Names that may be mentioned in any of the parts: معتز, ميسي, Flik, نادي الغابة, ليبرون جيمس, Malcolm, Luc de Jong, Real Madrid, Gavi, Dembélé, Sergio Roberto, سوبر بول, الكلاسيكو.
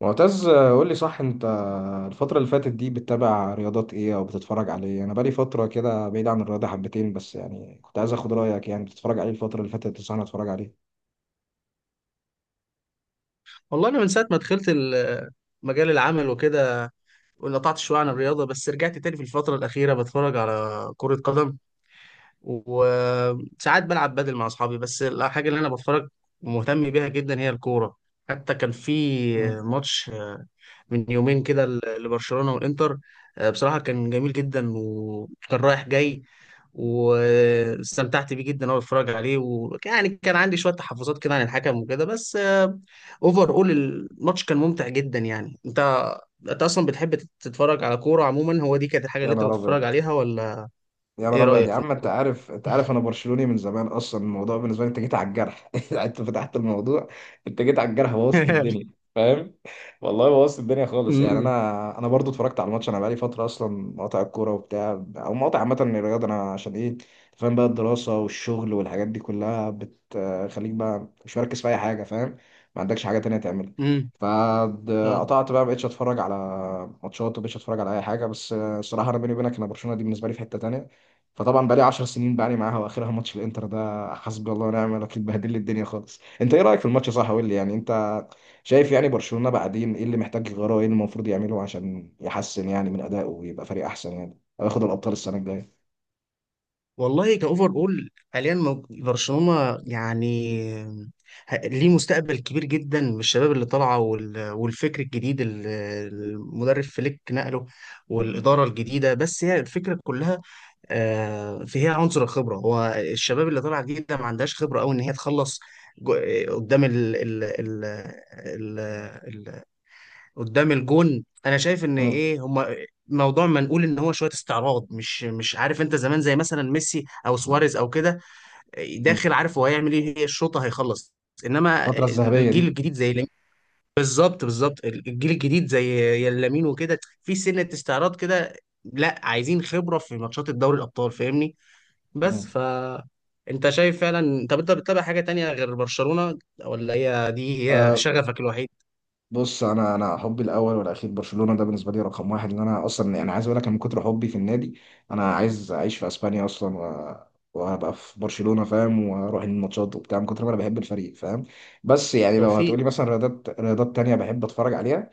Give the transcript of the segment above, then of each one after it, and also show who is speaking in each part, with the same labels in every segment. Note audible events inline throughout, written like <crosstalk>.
Speaker 1: معتز قول لي، صح؟ انت الفترة اللي فاتت دي بتتابع رياضات ايه او بتتفرج على ايه؟ انا بقالي فترة كده بعيد عن الرياضة حبتين بس، يعني كنت عايز اخد رأيك، يعني بتتفرج عليه الفترة اللي فاتت، تنصحني اتفرج عليه؟
Speaker 2: والله انا من ساعه ما دخلت مجال العمل وكده، وانقطعت شويه عن الرياضه، بس رجعت تاني في الفتره الاخيره. بتفرج على كره قدم، وساعات بلعب بدل مع اصحابي. بس الحاجه اللي انا بتفرج ومهتم بيها جدا هي الكوره. حتى كان في
Speaker 1: مم.
Speaker 2: ماتش من يومين كده لبرشلونة والإنتر. بصراحة كان جميل جدا وكان رايح جاي، واستمتعت بيه جدا وانا بتفرج عليه. ويعني كان عندي شوية تحفظات كده عن الحكم وكده، بس اوفر اول الماتش كان ممتع جدا. يعني انت، انت اصلا بتحب تتفرج على كورة عموما؟ هو دي كانت الحاجة اللي
Speaker 1: يا
Speaker 2: انت
Speaker 1: نهار
Speaker 2: بتتفرج
Speaker 1: ابيض،
Speaker 2: عليها ولا
Speaker 1: يا
Speaker 2: ايه
Speaker 1: نهار ابيض
Speaker 2: رأيك؟
Speaker 1: يا عم. انت عارف انا برشلوني من زمان، اصلا الموضوع بالنسبه لي، انت جيت على الجرح. <laughs> انت فتحت الموضوع، انت جيت على الجرح، بوظت
Speaker 2: <laughs>
Speaker 1: الدنيا، فاهم. والله بوظت الدنيا خالص يعني،
Speaker 2: امم
Speaker 1: انا برضو اتفرجت على الماتش. انا بقالي فتره اصلا مقاطع الكوره وبتاع، او مقاطع عامه من الرياضه. انا عشان ايه، فاهم، بقى الدراسه والشغل والحاجات دي كلها بتخليك بقى مش مركز في اي حاجه، فاهم، ما عندكش حاجه تانية تعملها.
Speaker 2: امم اه،
Speaker 1: فقطعت بقى، مبقتش اتفرج على ماتشات، ومبقتش اتفرج على اي حاجه. بس الصراحه انا بيني وبينك، انا برشلونه دي بالنسبه لي في حته تانية. فطبعا بقالي 10 سنين بقالي معاها، واخرها ماتش الانتر ده، حسبي الله ونعم الوكيل، بهدل لي الدنيا خالص. انت ايه رايك في الماتش؟ صح قول لي يعني. انت شايف يعني برشلونه بعدين ايه اللي محتاج يغيره، ايه اللي المفروض يعمله عشان يحسن يعني من ادائه ويبقى فريق احسن يعني، او ياخد الابطال السنه الجايه؟
Speaker 2: والله كأوفر أول حاليا برشلونة يعني ليه مستقبل كبير جدا من الشباب اللي طالعة، والفكر الجديد اللي المدرب فليك نقله، والإدارة الجديدة. بس هي الفكرة كلها، فيها عنصر الخبرة. هو الشباب اللي طالعة جديدة ما عندهاش خبرة أوي إن هي تخلص جو- قدام ال ال ال ال قدام الجون. انا شايف ان
Speaker 1: مم.
Speaker 2: ايه، هما موضوع ما نقول ان هو شويه استعراض، مش عارف، انت زمان زي مثلا ميسي او سواريز او كده،
Speaker 1: مم.
Speaker 2: داخل عارف هو هيعمل ايه، هي الشوطه هيخلص. انما
Speaker 1: الفتره الذهبيه
Speaker 2: الجيل
Speaker 1: دي.
Speaker 2: الجديد زي لامين، بالظبط بالظبط الجيل الجديد زي لامين وكده في سنه استعراض كده، لا، عايزين خبره في ماتشات الدوري الابطال، فاهمني؟ بس
Speaker 1: مم.
Speaker 2: ف انت شايف فعلا؟ طب انت بتتابع حاجه تانية غير برشلونه، ولا هي دي هي شغفك الوحيد؟
Speaker 1: بص، انا حبي الاول والاخير برشلونه، ده بالنسبه لي رقم واحد. ان انا اصلا انا عايز اقول لك، من كتر حبي في النادي انا عايز اعيش في اسبانيا اصلا، وهبقى في برشلونه، فاهم، واروح الماتشات وبتاع، من كتر ما انا بحب الفريق، فاهم. بس يعني لو
Speaker 2: توفيق.
Speaker 1: هتقولي مثلا رياضات تانية بحب اتفرج عليها.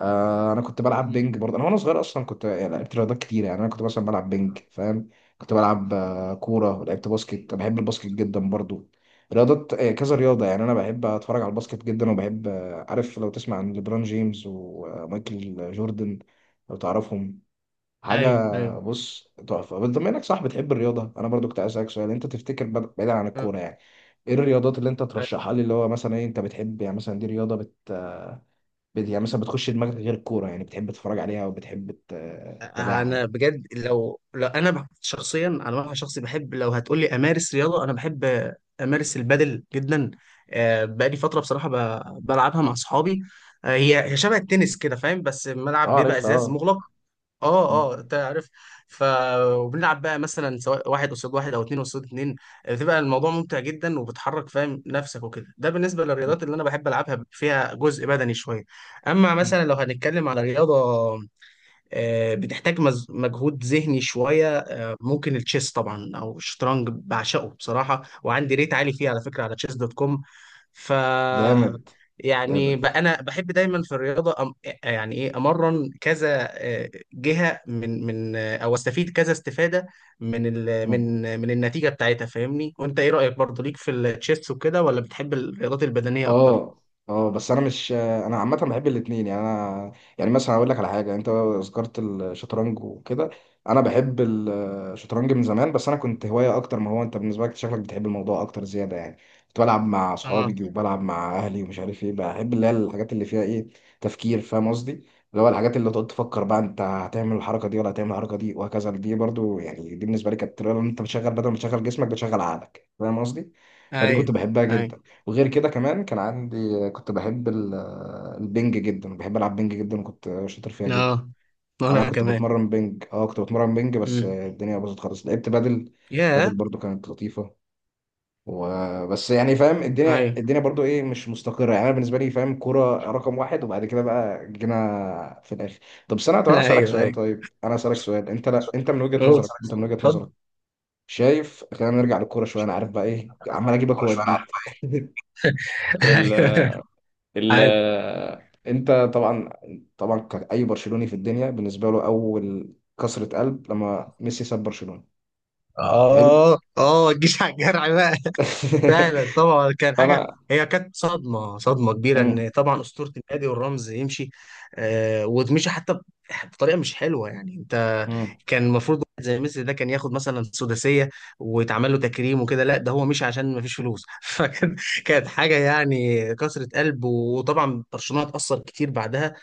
Speaker 1: آه، انا كنت بلعب
Speaker 2: مم.
Speaker 1: بينج برضه، انا وانا صغير اصلا، كنت يعني لعبت رياضات كتير، يعني انا كنت مثلا بلعب بينج، فاهم. كنت بلعب كوره، لعبت باسكت، أنا بحب الباسكت جدا برضه. رياضات، كذا رياضه، يعني انا بحب اتفرج على الباسكت جدا، وبحب، عارف لو تسمع عن ليبرون جيمس ومايكل جوردن، لو تعرفهم،
Speaker 2: ايوه
Speaker 1: حاجه.
Speaker 2: ايوه.
Speaker 1: بص، تحفه. بس بما انك، صح، بتحب الرياضه، انا برضو كنت عايز اسالك سؤال. انت تفتكر، بعيدا عن الكوره يعني، ايه الرياضات اللي انت ترشحها لي؟ اللي هو مثلا ايه انت بتحب؟ يعني مثلا دي رياضه يعني مثلا بتخش دماغك غير الكورة، يعني بتحب تتفرج عليها، وبتحب تتابعها
Speaker 2: انا
Speaker 1: يعني.
Speaker 2: بجد، لو انا شخصيا على معنى شخصي، بحب لو هتقول لي امارس رياضه، انا بحب امارس البادل جدا. بقالي فتره بصراحه بلعبها مع اصحابي. هي شبه التنس كده، فاهم؟ بس
Speaker 1: اه،
Speaker 2: الملعب بيبقى
Speaker 1: عارفها،
Speaker 2: ازاز
Speaker 1: اه.
Speaker 2: مغلق. اه،
Speaker 1: م-
Speaker 2: اه، انت عارف. ف وبنلعب بقى مثلا سواء واحد قصاد واحد او اتنين قصاد اتنين. بتبقى الموضوع ممتع جدا، وبتحرك، فاهم، نفسك وكده. ده بالنسبه
Speaker 1: م-
Speaker 2: للرياضات اللي انا بحب العبها، فيها جزء بدني شويه. اما
Speaker 1: م.
Speaker 2: مثلا لو هنتكلم على رياضه بتحتاج مجهود ذهني شوية، ممكن التشيس طبعا، أو الشطرنج بعشقه بصراحة، وعندي ريت عالي فيه على فكرة على تشيس دوت كوم. ف
Speaker 1: جامد،
Speaker 2: يعني
Speaker 1: جامد.
Speaker 2: أنا بحب دايما في الرياضة يعني إيه، أمرن كذا جهة من أو أستفيد كذا استفادة من ال
Speaker 1: م.
Speaker 2: من النتيجة بتاعتها، فاهمني؟ وأنت إيه رأيك برضه، ليك في التشيس وكده ولا بتحب الرياضات البدنية أكتر؟
Speaker 1: اه، اه. بس انا مش، انا عامه بحب الاثنين يعني، انا يعني مثلا اقول لك على حاجه. انت ذكرت الشطرنج وكده، انا بحب الشطرنج من زمان، بس انا كنت هوايه اكتر، ما هو انت بالنسبه لك شكلك بتحب الموضوع اكتر زياده يعني. كنت بلعب مع
Speaker 2: اه،
Speaker 1: اصحابي، وبلعب مع اهلي، ومش عارف ايه، بحب اللي هي الحاجات اللي فيها ايه، تفكير، فاهم قصدي؟ اللي هو الحاجات اللي تقعد تفكر بقى انت هتعمل الحركه دي ولا هتعمل الحركه دي، وهكذا. دي برضو يعني، دي بالنسبه لي كانت طريقه ان انت بتشغل، بدل ما تشغل جسمك بتشغل عقلك، فاهم قصدي. فدي كنت
Speaker 2: ايوه
Speaker 1: بحبها
Speaker 2: ايوه.
Speaker 1: جدا. وغير كده كمان كان عندي، كنت بحب البنج جدا، بحب العب بنج جدا وكنت شاطر فيها جدا.
Speaker 2: اه،
Speaker 1: انا
Speaker 2: وانا
Speaker 1: كنت
Speaker 2: كمان.
Speaker 1: بتمرن بنج، بس
Speaker 2: امم.
Speaker 1: الدنيا باظت خالص، لعبت بدل. بدل
Speaker 2: ياه.
Speaker 1: برضو كانت لطيفة. وبس يعني، فاهم، الدنيا
Speaker 2: ايوه.
Speaker 1: الدنيا برضو ايه، مش مستقرة يعني. انا بالنسبة لي، فاهم، كرة رقم واحد، وبعد كده بقى جينا في الاخر.
Speaker 2: <laughs>
Speaker 1: طب انا اسالك
Speaker 2: ايوه
Speaker 1: سؤال
Speaker 2: ايوه.
Speaker 1: طيب انا
Speaker 2: طب،
Speaker 1: اسالك سؤال. انت لا انت
Speaker 2: اوه، اسالك سؤال،
Speaker 1: من وجهة
Speaker 2: اتفضل.
Speaker 1: نظرك
Speaker 2: <laughs>
Speaker 1: شايف، خلينا نرجع للكورة شوية،
Speaker 2: مش
Speaker 1: انا
Speaker 2: كده؟
Speaker 1: عارف بقى ايه، عمال اجيبك
Speaker 2: كوره شويه انا عارف.
Speaker 1: واديك.
Speaker 2: <laughs>
Speaker 1: <laughs>
Speaker 2: ايوه،
Speaker 1: ال
Speaker 2: عادي.
Speaker 1: انت طبعا، كأي برشلوني في الدنيا بالنسبه له، اول كسرة قلب لما ميسي ساب برشلونة. حلو.
Speaker 2: اه، اه، الجيش على الجرح بقى. فعلا طبعا
Speaker 1: <laughs>
Speaker 2: كان حاجه،
Speaker 1: فانا.
Speaker 2: هي كانت صدمه، صدمه كبيره.
Speaker 1: مم.
Speaker 2: ان طبعا اسطوره النادي والرمز يمشي، آه، وتمشي حتى بطريقه مش حلوه، يعني انت،
Speaker 1: مم.
Speaker 2: كان المفروض واحد زي ميسي ده كان ياخد مثلا سداسيه، ويتعمل له تكريم وكده. لا، ده هو مشي عشان ما فيش فلوس <laughs> فكان، كانت حاجه يعني كسرة قلب. وطبعا برشلونه اتاثر كتير بعدها،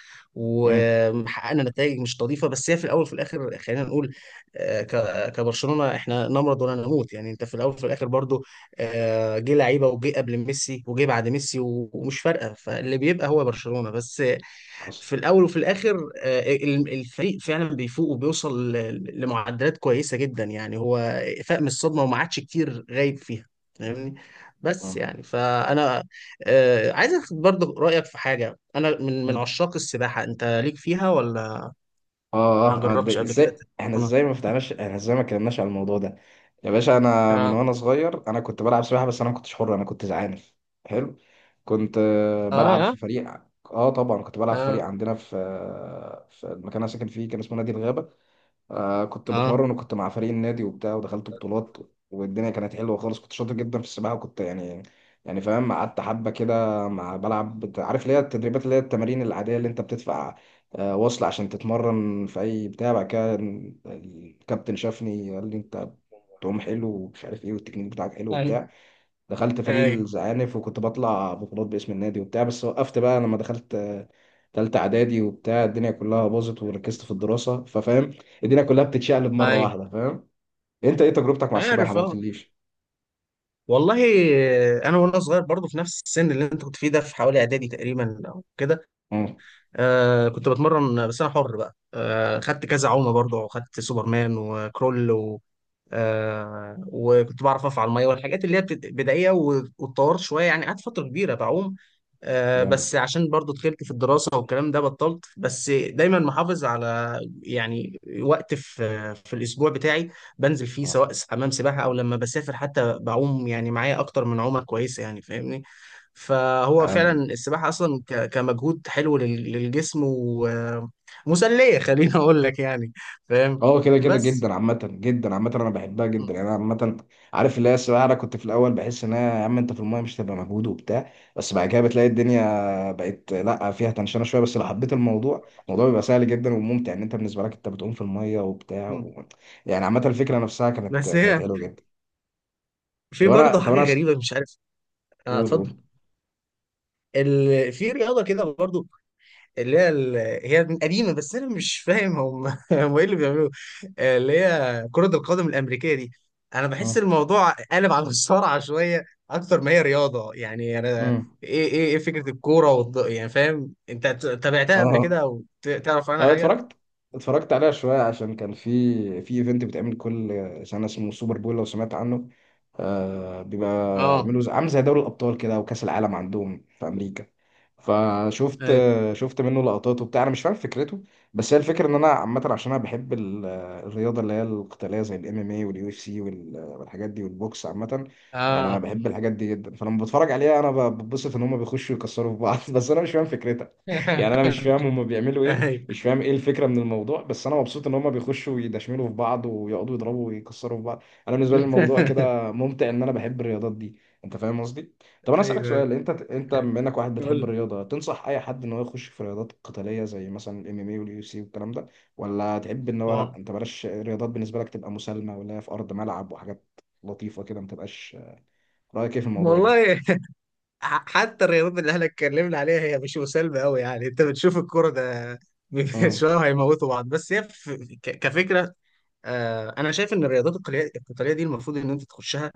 Speaker 1: مم.
Speaker 2: وحققنا نتائج مش نظيفه. بس هي في الاول وفي الاخر، خلينا نقول آه، كبرشلونه احنا نمرض ولا نموت، يعني انت في الاول وفي الاخر برضو، آه، جه لعيبه وجه قبل ميسي وجه بعد ميسي، ومش فارقه، فاللي بيبقى هو برشلونه بس، آه،
Speaker 1: حصل.
Speaker 2: في الاول وفي الاخر. آه، الفريق فعلا بيفوق وبيوصل لمعدلات كويسه جدا. يعني هو فاق من الصدمه وما عادش كتير غايب فيها، فاهمني؟ بس
Speaker 1: مم.
Speaker 2: يعني فانا آه، عايز اخد برضه رايك في حاجه. انا من من
Speaker 1: مم.
Speaker 2: عشاق السباحه، انت ليك فيها ولا
Speaker 1: اه،
Speaker 2: ما
Speaker 1: اه،
Speaker 2: جربتش
Speaker 1: ده
Speaker 2: قبل كده
Speaker 1: ازاي، احنا
Speaker 2: تتمرنها؟
Speaker 1: ازاي ما فتحناش، احنا ازاي ما اتكلمناش على الموضوع ده؟ يا باشا انا من
Speaker 2: اه،
Speaker 1: وانا صغير انا كنت بلعب سباحه، بس انا ما كنتش حر، انا كنت زعانف. حلو. كنت
Speaker 2: اه،
Speaker 1: بلعب في
Speaker 2: اه،
Speaker 1: فريق. اه، طبعا كنت بلعب في فريق
Speaker 2: اه،
Speaker 1: عندنا في، في المكان اللي أنا ساكن فيه، كان اسمه نادي الغابه. آه، كنت
Speaker 2: اه،
Speaker 1: بتمرن، وكنت مع فريق النادي وبتاع، ودخلت بطولات، والدنيا كانت حلوه خالص. كنت شاطر جدا في السباحه، وكنت يعني، فاهم، قعدت حبه كده مع، بلعب عارف اللي هي التدريبات، اللي هي التمارين العاديه اللي انت بتدفع وصل عشان تتمرن في اي بتاع. بعد كده الكابتن شافني قال لي انت بتعوم حلو، ومش عارف ايه، والتكنيك بتاعك حلو
Speaker 2: اي،
Speaker 1: وبتاع. دخلت فريق
Speaker 2: اي،
Speaker 1: الزعانف، وكنت بطلع بطولات باسم النادي وبتاع. بس وقفت بقى لما دخلت تالتة إعدادي وبتاع، الدنيا كلها باظت، وركزت في الدراسة، ففاهم، الدنيا كلها بتتشقلب مرة
Speaker 2: اي،
Speaker 1: واحدة، فاهم. أنت إيه تجربتك مع السباحة؟
Speaker 2: عارف.
Speaker 1: ما
Speaker 2: اه،
Speaker 1: قلتليش.
Speaker 2: والله انا وانا صغير برضو، في نفس السن اللي انت كنت فيه ده، في حوالي اعدادي تقريبا او كده،
Speaker 1: مم،
Speaker 2: آه كنت بتمرن. بس انا حر بقى، آه، خدت كذا عومه برضو، خدت سوبرمان وكرول، آه، وكنت بعرف اقف على الميه، والحاجات اللي هي بدائيه. واتطورت شويه يعني، قعدت فتره كبيره بعوم، آه.
Speaker 1: جامد.
Speaker 2: بس عشان برضو دخلت في الدراسه والكلام ده بطلت. بس دايما محافظ على يعني وقت في في الاسبوع بتاعي بنزل فيه،
Speaker 1: آه،
Speaker 2: سواء حمام سباحه او لما بسافر حتى بعوم، يعني معايا اكتر من عومه كويسه يعني، فاهمني؟ فهو فعلا
Speaker 1: عالمي.
Speaker 2: السباحه اصلا كمجهود حلو للجسم، ومسليه، خليني اقول لك يعني. فاهم؟
Speaker 1: اه، كده كده
Speaker 2: بس
Speaker 1: جدا عامة، انا بحبها جدا يعني، انا عامة. عارف اللي هي السباحة، انا كنت في الاول بحس ان هي، يا عم انت في المايه مش هتبقى مجهود وبتاع، بس بعد كده بتلاقي الدنيا بقت لا، فيها تنشنة شوية، بس لو حبيت الموضوع، الموضوع بيبقى سهل جدا وممتع، ان انت بالنسبة لك انت بتعوم في المايه وبتاع
Speaker 2: مم.
Speaker 1: و... يعني عامة الفكرة نفسها كانت
Speaker 2: بس
Speaker 1: كانت
Speaker 2: هي،
Speaker 1: حلوه جدا.
Speaker 2: في
Speaker 1: طب انا
Speaker 2: برضه
Speaker 1: طب
Speaker 2: حاجة
Speaker 1: انا أس-
Speaker 2: غريبة مش عارف. اه،
Speaker 1: قول،
Speaker 2: اتفضل.
Speaker 1: قول.
Speaker 2: في رياضة كده برضه، اللي هي ال... هي قديمة، بس أنا مش فاهم هم <laughs> هم إيه اللي بيعملوه. آه، اللي هي كرة القدم الأمريكية دي. أنا بحس
Speaker 1: اه،
Speaker 2: الموضوع قلب على الصارعة شوية أكتر ما هي رياضة. يعني أنا،
Speaker 1: امم
Speaker 2: إيه إيه فكرة الكورة يعني فاهم، أنت تابعتها قبل
Speaker 1: اه،
Speaker 2: كده؟ أو تعرف عنها
Speaker 1: اه،
Speaker 2: حاجة؟
Speaker 1: اتفرجت عليها شوية. عشان كان في ايفنت بيتعمل كل سنة اسمه سوبر بول، لو سمعت عنه. آه، بيبقى
Speaker 2: اه،
Speaker 1: عامل زي دوري الأبطال كده، أو كأس العالم عندهم في أمريكا. فشفت
Speaker 2: ايوه.
Speaker 1: شفت منه لقطات وبتاع، أنا مش فاهم فكرته. بس هي الفكرة إن أنا عامة، عشان أنا بحب الرياضة اللي هي القتالية، زي الام ام اي واليو اف سي والحاجات دي، والبوكس عامة، يعني أنا
Speaker 2: اه.
Speaker 1: بحب الحاجات دي جدا، فلما بتفرج عليها أنا ببسط إن هما بيخشوا يكسروا في بعض. <laughs> بس أنا مش فاهم فكرتها، يعني
Speaker 2: <laughs>
Speaker 1: انا مش فاهم هما بيعملوا ايه،
Speaker 2: ايوه.
Speaker 1: مش فاهم ايه الفكره من الموضوع، بس انا مبسوط ان هما بيخشوا يدشملوا في بعض، ويقعدوا يضربوا ويكسروا في بعض. انا بالنسبه لي الموضوع
Speaker 2: <laughs>
Speaker 1: كده ممتع، ان انا بحب الرياضات دي. انت فاهم قصدي؟ طب انا اسالك
Speaker 2: ايوه ايوه،
Speaker 1: سؤال، انت بما انك واحد بتحب
Speaker 2: قول.
Speaker 1: الرياضه، تنصح اي حد ان هو يخش في رياضات قتاليه زي مثلا الام ام اي واليو سي والكلام ده، ولا تحب ان هو لا،
Speaker 2: وال-
Speaker 1: انت بلاش الرياضات بالنسبه لك، تبقى مسالمه، ولا هي في ارض ملعب وحاجات لطيفه كده، ما تبقاش؟ رايك ايه في الموضوع ده؟
Speaker 2: والله <laughs> حتى الرياضات اللي احنا اتكلمنا عليها هي مش مسالمه قوي يعني، انت بتشوف الكوره ده <laughs>
Speaker 1: امم،
Speaker 2: شويه هيموتوا بعض. بس هي كفكره، آه، انا شايف ان الرياضات القتاليه، القتاليه دي المفروض ان انت تخشها،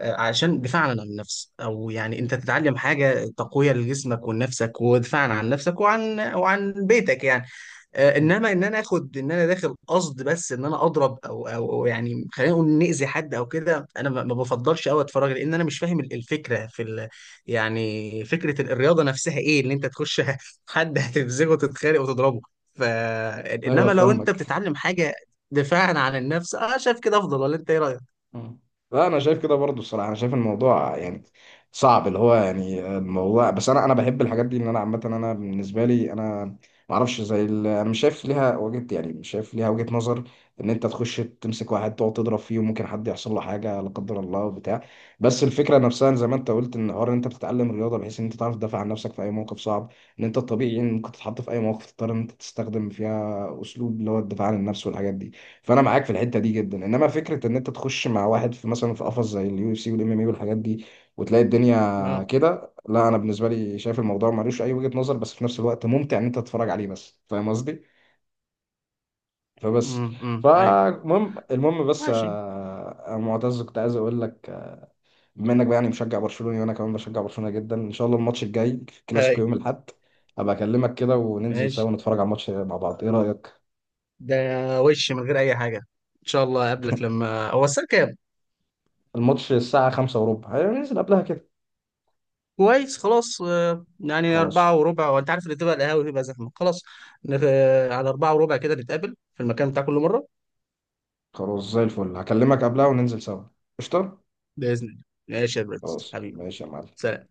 Speaker 2: آه، عشان دفاعا عن النفس، او يعني انت تتعلم حاجه تقويه لجسمك ولنفسك، ودفاعا عن نفسك وعن وعن بيتك يعني. آه، انما ان انا اخد ان انا داخل قصد، بس ان انا اضرب او او أو يعني خلينا نقول ناذي حد او كده، انا ما بفضلش قوي اتفرج، لان انا مش فاهم الفكره في يعني فكره الرياضه نفسها ايه، ان انت تخش <laughs> حد هتفزغه وتتخانق وتضربه. ف
Speaker 1: ايوه
Speaker 2: انما لو انت
Speaker 1: فاهمك.
Speaker 2: بتتعلم حاجه دفاعا عن النفس، اه، شايف كده افضل. ولا انت ايه رايك؟
Speaker 1: مم. لا، انا شايف كده برضو. الصراحه انا شايف الموضوع يعني صعب، اللي هو يعني الموضوع، بس انا بحب الحاجات دي، ان انا عامه. انا بالنسبه لي انا ما اعرفش، زي انا مش شايف ليها وجهه، يعني مش شايف ليها وجهه نظر ان انت تخش تمسك واحد تقعد تضرب فيه، وممكن حد يحصل له حاجه لا قدر الله وبتاع. بس الفكره نفسها زي ما انت قلت، ان حوار ان انت بتتعلم رياضه بحيث ان انت تعرف تدافع عن نفسك في اي موقف صعب، ان انت الطبيعي ان ممكن تتحط في اي موقف تضطر ان انت تستخدم فيها اسلوب اللي هو الدفاع عن النفس والحاجات دي. فانا معاك في الحته دي جدا، انما فكره ان انت تخش مع واحد في، مثلا في قفص زي اليو اف سي والام ام اي والحاجات دي، وتلاقي الدنيا
Speaker 2: اه،
Speaker 1: كده، لا، انا بالنسبه لي شايف الموضوع ملوش اي وجهه نظر، بس في نفس الوقت ممتع ان انت تتفرج عليه بس، فاهم قصدي. فبس،
Speaker 2: امم اي.
Speaker 1: فالمهم بس،
Speaker 2: ماشي.
Speaker 1: آه، يا معتز كنت عايز اقول لك، آه، بما انك بقى يعني مشجع برشلوني، وانا كمان بشجع برشلونه جدا، ان شاء الله الماتش الجاي في الكلاسيكو
Speaker 2: اي،
Speaker 1: يوم الاحد هبقى اكلمك كده وننزل
Speaker 2: ماشي،
Speaker 1: سوا نتفرج على الماتش مع بعض، ايه رايك؟
Speaker 2: ده، وش من غير اي حاجه. ان شاء الله اقابلك. لما هو الساعه كام؟
Speaker 1: الماتش الساعه 5 وربع، هننزل قبلها كده.
Speaker 2: كويس، خلاص. آه، يعني
Speaker 1: خلاص.
Speaker 2: 4:15، وأنت عارف اللي تبقى القهاوي بيبقى زحمة. خلاص، آه، على 4:15 كده، نتقابل في المكان بتاع كل مرة.
Speaker 1: خلاص زي الفل، هكلمك قبلها وننزل سوا. قشطة.
Speaker 2: بإذن الله. ماشي يا برنس
Speaker 1: خلاص،
Speaker 2: حبيبي.
Speaker 1: ماشي يا معلم.
Speaker 2: سلام.